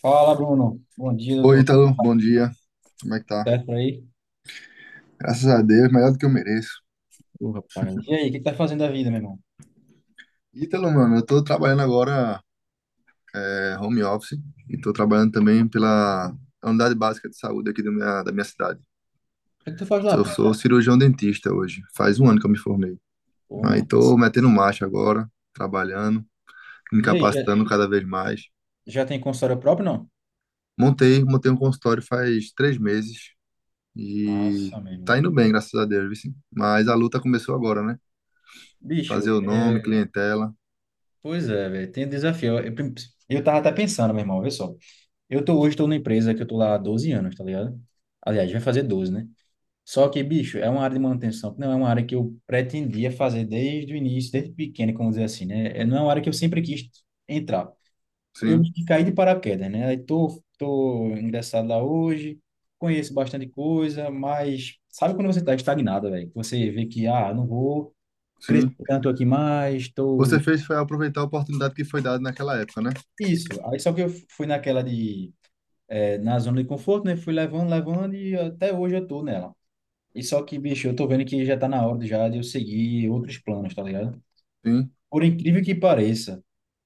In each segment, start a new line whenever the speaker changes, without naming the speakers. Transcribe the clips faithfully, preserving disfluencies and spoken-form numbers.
Fala, Bruno. Bom dia,
Oi,
doutor.
Ítalo, bom dia. Como é que tá?
Certo por aí?
Graças a Deus, melhor do que eu mereço.
Ô, rapaz. E aí, o que que tá fazendo da vida, meu irmão? O
Ítalo, mano, eu tô trabalhando agora é, home office e tô trabalhando também pela unidade básica de saúde aqui da minha, da minha cidade.
que que tu faz lá,
Eu
pô?
sou cirurgião dentista hoje, faz um ano que eu me formei.
Ô,
Aí tô
massa.
metendo marcha agora, trabalhando, me
E aí, já,
capacitando cada vez mais.
já tem consultório próprio, não?
Montei, montei um consultório faz três meses e
Massa, meu irmão.
tá indo bem, graças a Deus, viu, sim. Mas a luta começou agora, né? Fazer
Bicho,
o nome,
é,
clientela,
pois é, velho, tem desafio. Eu, eu, eu tava até pensando, meu irmão, olha só. Eu tô hoje, tô numa empresa que eu tô lá há doze anos, tá ligado? Aliás, vai fazer doze, né? Só que, bicho, é uma área de manutenção, que não é uma área que eu pretendia fazer desde o início, desde pequeno, como dizer assim, né? É- Não é uma área que eu sempre quis entrar. Eu
sim,
meio que caí de paraquedas, né? Aí tô, tô ingressado lá hoje, conheço bastante coisa, mas sabe quando você tá estagnado, velho? Você vê que, ah, não vou crescer
sim.
tanto aqui mais,
Você
tô...
fez foi aproveitar a oportunidade que foi dada naquela época, né?
Isso. Aí só que eu fui naquela de... É, na zona de conforto, né? Fui levando, levando e até hoje eu tô nela. E só que, bicho, eu tô vendo que já tá na hora já de eu seguir outros planos, tá ligado?
Sim.
Por incrível que pareça,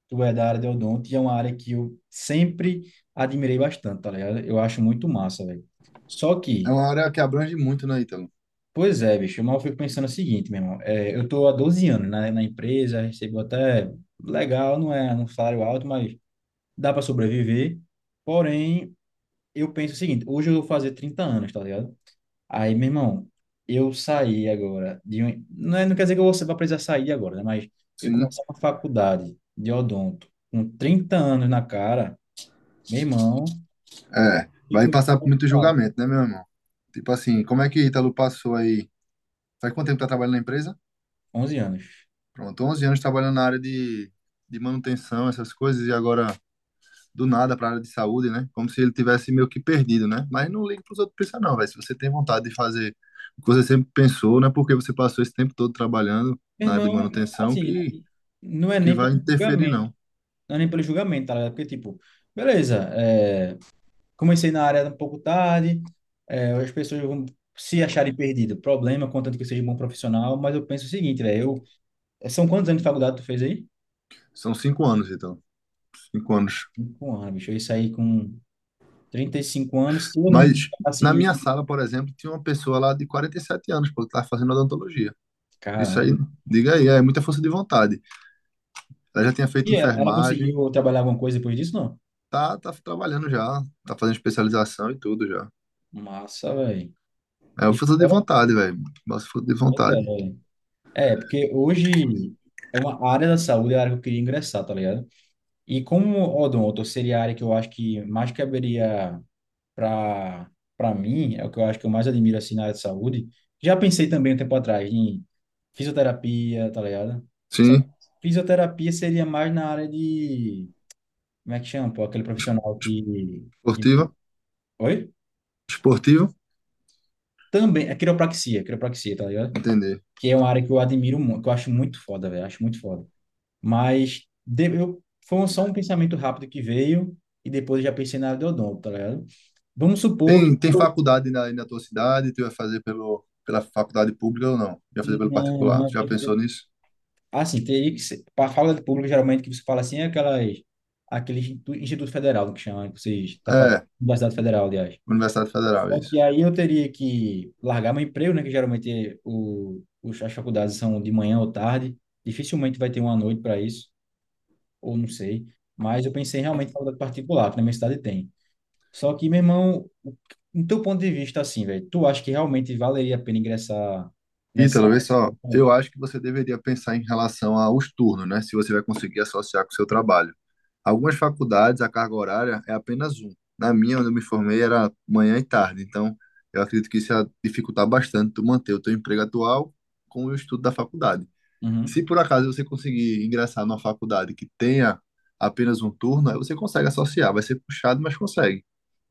tu é da área de odonto e é uma área que eu sempre admirei bastante, tá ligado? Eu acho muito massa, velho. Só
É
que,
uma área que abrange muito, né, Ítalo?
pois é, bicho, mas eu fico pensando o seguinte, meu irmão, é, eu tô há doze anos na, na empresa, recebo até legal, não é um salário alto, mas dá para sobreviver. Porém, eu penso o seguinte, hoje eu vou fazer trinta anos, tá ligado? Aí, meu irmão, eu saí agora de um, não é, não quer dizer que eu vou precisar sair agora, né? Mas eu
Sim.
comecei uma faculdade de odonto com trinta anos na cara, meu irmão,
É.
e
Vai
com
passar por muito
falo,
julgamento, né, meu irmão? Tipo assim, como é que Ítalo passou aí? Faz quanto tempo que tá trabalhando na empresa?
onze anos.
Pronto, 11 anos trabalhando na área de, de manutenção, essas coisas, e agora do nada pra área de saúde, né? Como se ele tivesse meio que perdido, né? Mas não liga pros outros pensar, não, velho. Se você tem vontade de fazer o que você sempre pensou, não é porque você passou esse tempo todo trabalhando
Meu
na área de
irmão,
manutenção
assim,
que,
não é
que
nem pelo
vai interferir,
julgamento,
não.
não é nem pelo julgamento, tá ligado? Porque, tipo, beleza, é, comecei na área um pouco tarde, é, as pessoas vão se acharem perdido, problema, contanto que eu seja um bom profissional, mas eu penso o seguinte, velho, eu, são quantos anos de faculdade tu fez aí?
São cinco anos, então. Cinco anos.
Cinco anos, bicho, eu saí com trinta e cinco anos, se eu não
Mas na
assim,
minha sala, por exemplo, tinha uma pessoa lá de 47 anos, pô, que estava fazendo odontologia. Isso
caramba.
aí, diga aí, é muita força de vontade. Ela já tinha feito
E ela, ela
enfermagem,
conseguiu trabalhar alguma coisa depois disso, não?
tá, tá trabalhando já, tá fazendo especialização e tudo já.
Massa, velho.
É
Que
uma força de
história,
vontade, velho. Nossa, força de
pois é,
vontade.
velho. É, porque hoje é uma a área da saúde, é a área que eu queria ingressar, tá ligado? E como odonto seria a área que eu acho que mais caberia para para mim, é o que eu acho que eu mais admiro assim na área de saúde. Já pensei também um tempo atrás em fisioterapia, tá ligado? Só que
Sim,
fisioterapia seria mais na área de, como é que chama, pô, aquele profissional que, que...
esportiva,
Oi?
esportivo,
Também, é quiropraxia, quiropraxia, tá ligado?
entender.
Que é uma área que eu admiro muito, que eu acho muito foda, velho, acho muito foda. Mas de, eu, foi só um pensamento rápido que veio e depois eu já pensei na área de odonto, tá ligado? Vamos supor que.
Tem, tem faculdade na, na tua cidade, tu vai fazer pelo, pela faculdade pública ou não? Vai fazer pelo
Não,
particular? Tu
não.
já pensou nisso?
Assim, teria que ser. Para a fala de público geralmente, que você fala assim, é aquelas, aquele institu- Instituto Federal que chama, que vocês estão falando.
É,
Universidade Federal, aliás.
Universidade Federal, é
Só
isso.
que aí eu teria que largar meu emprego, né? Que geralmente é o, os- as faculdades são de manhã ou tarde. Dificilmente vai ter uma noite para isso, ou não sei. Mas eu pensei realmente em faculdade particular, que na minha cidade tem. Só que, meu irmão, no teu ponto de vista, assim, velho, tu acha que realmente valeria a pena ingressar nessa
Ítalo, vê só,
área?
eu acho que você deveria pensar em relação aos turnos, né? Se você vai conseguir associar com o seu trabalho. Algumas faculdades, a carga horária é apenas um. Na minha, onde eu me formei, era manhã e tarde. Então, eu acredito que isso ia dificultar bastante tu manter o teu emprego atual com o estudo da faculdade. Se
Uhum,
por acaso você conseguir ingressar numa faculdade que tenha apenas um turno, aí você consegue associar. Vai ser puxado, mas consegue.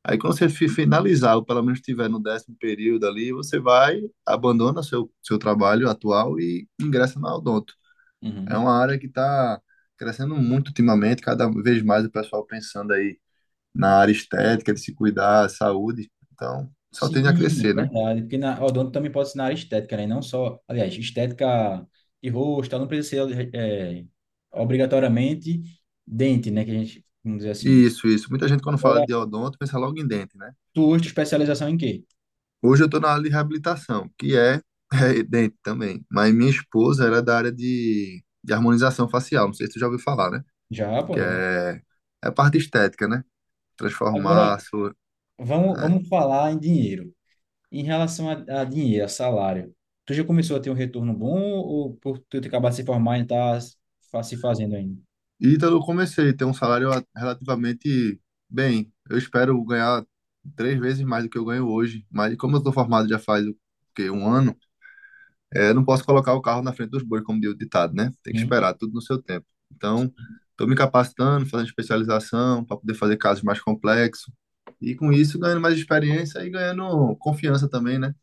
Aí quando você fi- finalizar, ou pelo menos estiver no décimo período ali, você vai, abandona seu, seu trabalho atual e ingressa na Odonto. É
uhum.
uma área que está crescendo muito ultimamente, cada vez mais o pessoal pensando aí na área estética, de se cuidar, saúde. Então, só tende a
Sim,
crescer, né?
verdade. Porque na odonto também pode ser na área estética, né? Não só, aliás, estética de rosto, tal, não precisa ser é, obrigatoriamente dente, né? Que a gente, vamos dizer
E
assim, né?
isso, isso. Muita gente quando fala
Agora,
de odonto pensa logo em dente, né?
tu hoje, tu especialização em quê?
Hoje eu estou na área de reabilitação, que é, é dente também. Mas minha esposa era da área de, de harmonização facial, não sei se você já ouviu falar, né?
Já, pô,
Que
já.
é, é a parte estética, né?
Agora,
Transformar, su-
vamos,
né?
vamos falar em dinheiro. Em relação a, a dinheiro, a salário, tu já começou a ter um retorno bom ou por tu ter acabado de se formar e tá se fa- se fazendo ainda?
E então eu comecei a ter um salário a- relativamente bem. Eu espero ganhar três vezes mais do que eu ganho hoje, mas como eu estou formado já faz o quê? Um ano, é, eu não posso colocar o carro na frente dos bois, como diz o ditado, né? Tem que
Hum?
esperar tudo no seu tempo. Então, estou me capacitando, fazendo especialização para poder fazer casos mais complexos. E com isso, ganhando mais experiência e ganhando confiança também, né?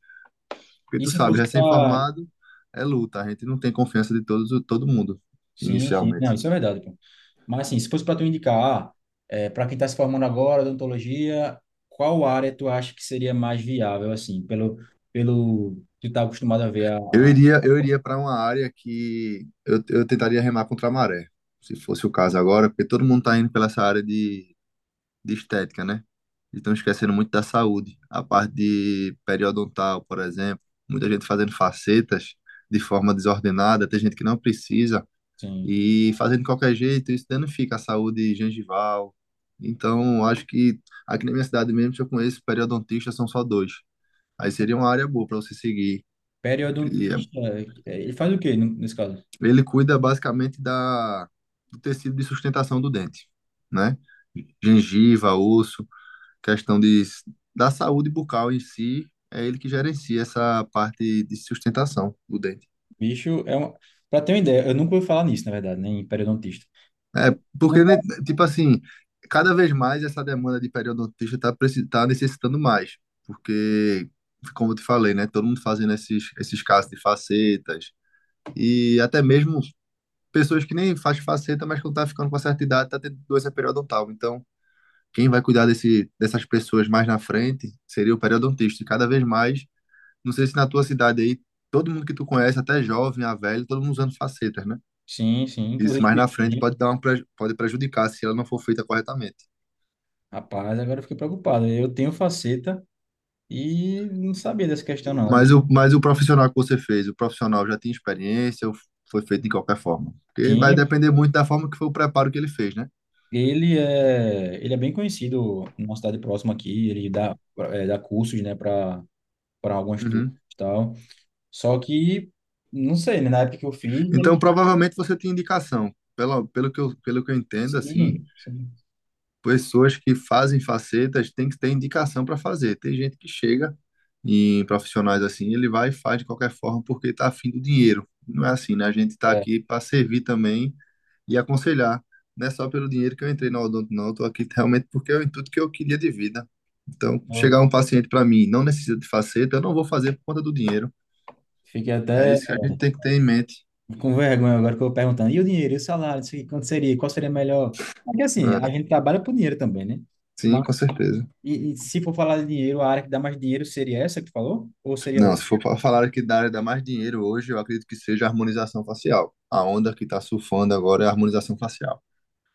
Porque
E
tu
se
sabe,
fosse para...
recém-formado é luta, a gente não tem confiança de todos, todo mundo,
Sim, sim. Não,
inicialmente.
isso é verdade, pô. Mas assim, se fosse para tu indicar, ah, é, para quem está se formando agora, odontologia, qual área tu acha que seria mais viável, assim, pelo, pelo que tu tá acostumado a ver a,
Eu
a
iria, eu iria para uma área que eu, eu tentaria remar contra a maré, se fosse o caso agora, porque todo mundo está indo pela essa área de, de estética, né? E estão esquecendo muito da saúde. A parte de periodontal, por exemplo, muita gente fazendo facetas de forma desordenada, tem gente que não precisa.
assim,
E fazendo de qualquer jeito, isso danifica a saúde gengival. Então, acho que aqui na minha cidade mesmo, se eu conheço periodontistas, são só dois. Aí seria uma área boa para você seguir. E é-
periodontista, é, ele faz o quê no- nesse caso?
ele cuida basicamente da, do tecido de sustentação do dente, né? Gengiva, osso, questão de, da saúde bucal em si, é ele que gerencia essa parte de sustentação do dente.
Bicho, é uma... Para ter uma ideia, eu nunca ouvi falar nisso, na verdade, nem periodontista.
É, porque, né, tipo assim, cada vez mais essa demanda de periodontista está tá preci- tá necessitando mais. Porque, como eu te falei, né? Todo mundo fazendo esses, esses casos de facetas. E até mesmo pessoas que nem faz faceta, mas que tá ficando com uma certa idade, tá tendo doença periodontal. Então, quem vai cuidar desse, dessas pessoas mais na frente seria o periodontista. E cada vez mais, não sei se na tua cidade aí, todo mundo que tu conhece, até jovem, a velho, todo mundo usando facetas, né?
Sim, sim.
Isso mais na
Inclusive,
frente
sim.
pode dar um pre- pode prejudicar se ela não for feita corretamente.
Rapaz, agora eu fiquei preocupado. Eu tenho faceta e não sabia dessa questão, não. O
Mas
que
o, mas o profissional que você fez, o profissional já tinha experiência ou foi feito de qualquer forma? Porque vai
tinha,
depender muito da forma que foi o preparo que ele fez, né?
ele é, ele é bem conhecido numa cidade próxima aqui, ele dá, é, dá cursos, né, para para algumas turmas
Uhum.
e tal. Só que, não sei, né, na época que eu fiz, ele...
Então, provavelmente você tem indicação. Pelo, pelo que eu, pelo que eu entendo, assim,
Sim, sim.
pessoas que fazem facetas têm que ter indicação para fazer. Tem gente que chega em profissionais assim, ele vai e faz de qualquer forma porque está afim do dinheiro. Não é assim, né? A gente está
É,
aqui para servir também e aconselhar. Não é só pelo dinheiro que eu entrei na Odonto, não. Eu tô aqui realmente porque é o intuito que eu queria de vida. Então, chegar
eu
um paciente para mim, não necessita de faceta, eu não vou fazer por conta do dinheiro.
fiquei
É
até
isso que a gente tem que ter em mente.
com vergonha agora que eu perguntando, e o dinheiro, e o salário, isso aqui, quanto seria, qual seria melhor? Porque assim, a
É,
gente trabalha por dinheiro também, né?
sim, com certeza.
E, e se for falar de dinheiro, a área que dá mais dinheiro seria essa que tu falou? Ou seria
Não,
outra?
se for para falar aqui da área da mais dinheiro hoje, eu acredito que seja a harmonização facial. A onda que está surfando agora é a harmonização facial.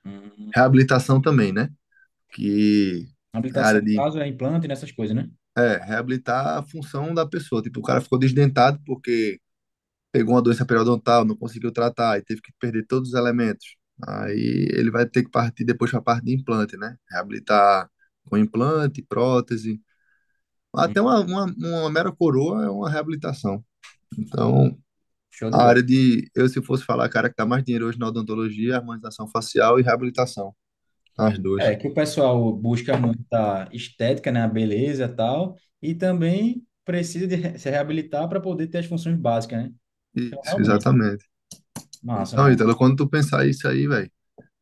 Hum.
Reabilitação também, né? Que é a área
Habilitação, no
de
caso, é implante e nessas coisas, né?
é, reabilitar a função da pessoa. Tipo, o cara ficou desdentado porque pegou uma doença periodontal, não conseguiu tratar e teve que perder todos os elementos. Aí ele vai ter que partir depois para a parte de implante, né? Reabilitar com implante, prótese.
Hum.
Até uma, uma, uma mera coroa é uma reabilitação. Então,
Show de
a
bola.
área de, eu se fosse falar, cara, que dá mais dinheiro hoje na odontologia, é harmonização facial e reabilitação, as duas.
É, que o pessoal busca muita estética, né? A beleza e tal. E também precisa de re- se reabilitar para poder ter as funções básicas, né? Então,
Isso,
realmente,
exatamente.
massa,
Então,
mano.
Ítalo, quando tu pensar isso aí, velho,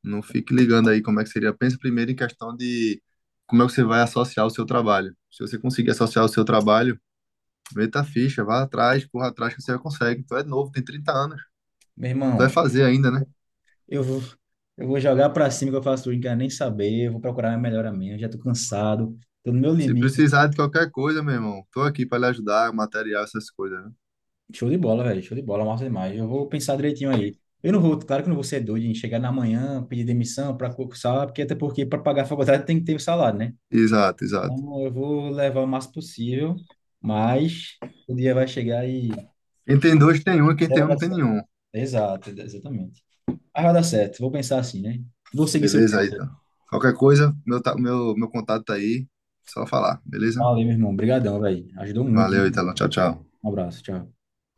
não fique ligando aí como é que seria. Pensa primeiro em questão de como é que você vai associar o seu trabalho. Se você conseguir associar o seu trabalho, meta a ficha, vá atrás, corra atrás que você consegue. Tu é novo, tem trinta anos.
Meu
Tu vai
irmão,
fazer ainda, né?
eu vou, eu vou jogar para cima que eu faço tudo, não quero nem saber. Eu vou procurar minha melhor amiga, já tô cansado, tô no meu
Se
limite.
precisar de qualquer coisa, meu irmão, tô aqui para lhe ajudar, material, essas coisas, né?
Show de bola, velho. Show de bola, massa demais. Eu vou pensar direitinho aí. Eu não vou, claro que eu não vou ser doido em chegar na manhã, pedir demissão para concursar, porque até porque para pagar a faculdade tem que ter o salário, né?
Exato, exato.
Então eu vou levar o máximo possível, mas o dia vai chegar e
Quem tem dois tem um e quem
já
tem
vai
um
dar
não tem
certo.
nenhum.
Exato, exatamente. Mas vai dar certo, vou pensar assim, né? Vou seguir seus
Beleza aí,
conselhos.
então. Qualquer coisa, meu, ta- meu, meu contato tá aí. Só falar, beleza?
Valeu, meu irmão. Obrigadão, velho. Ajudou muito.
Valeu, Italo. Tchau, tchau.
Um abraço, tchau.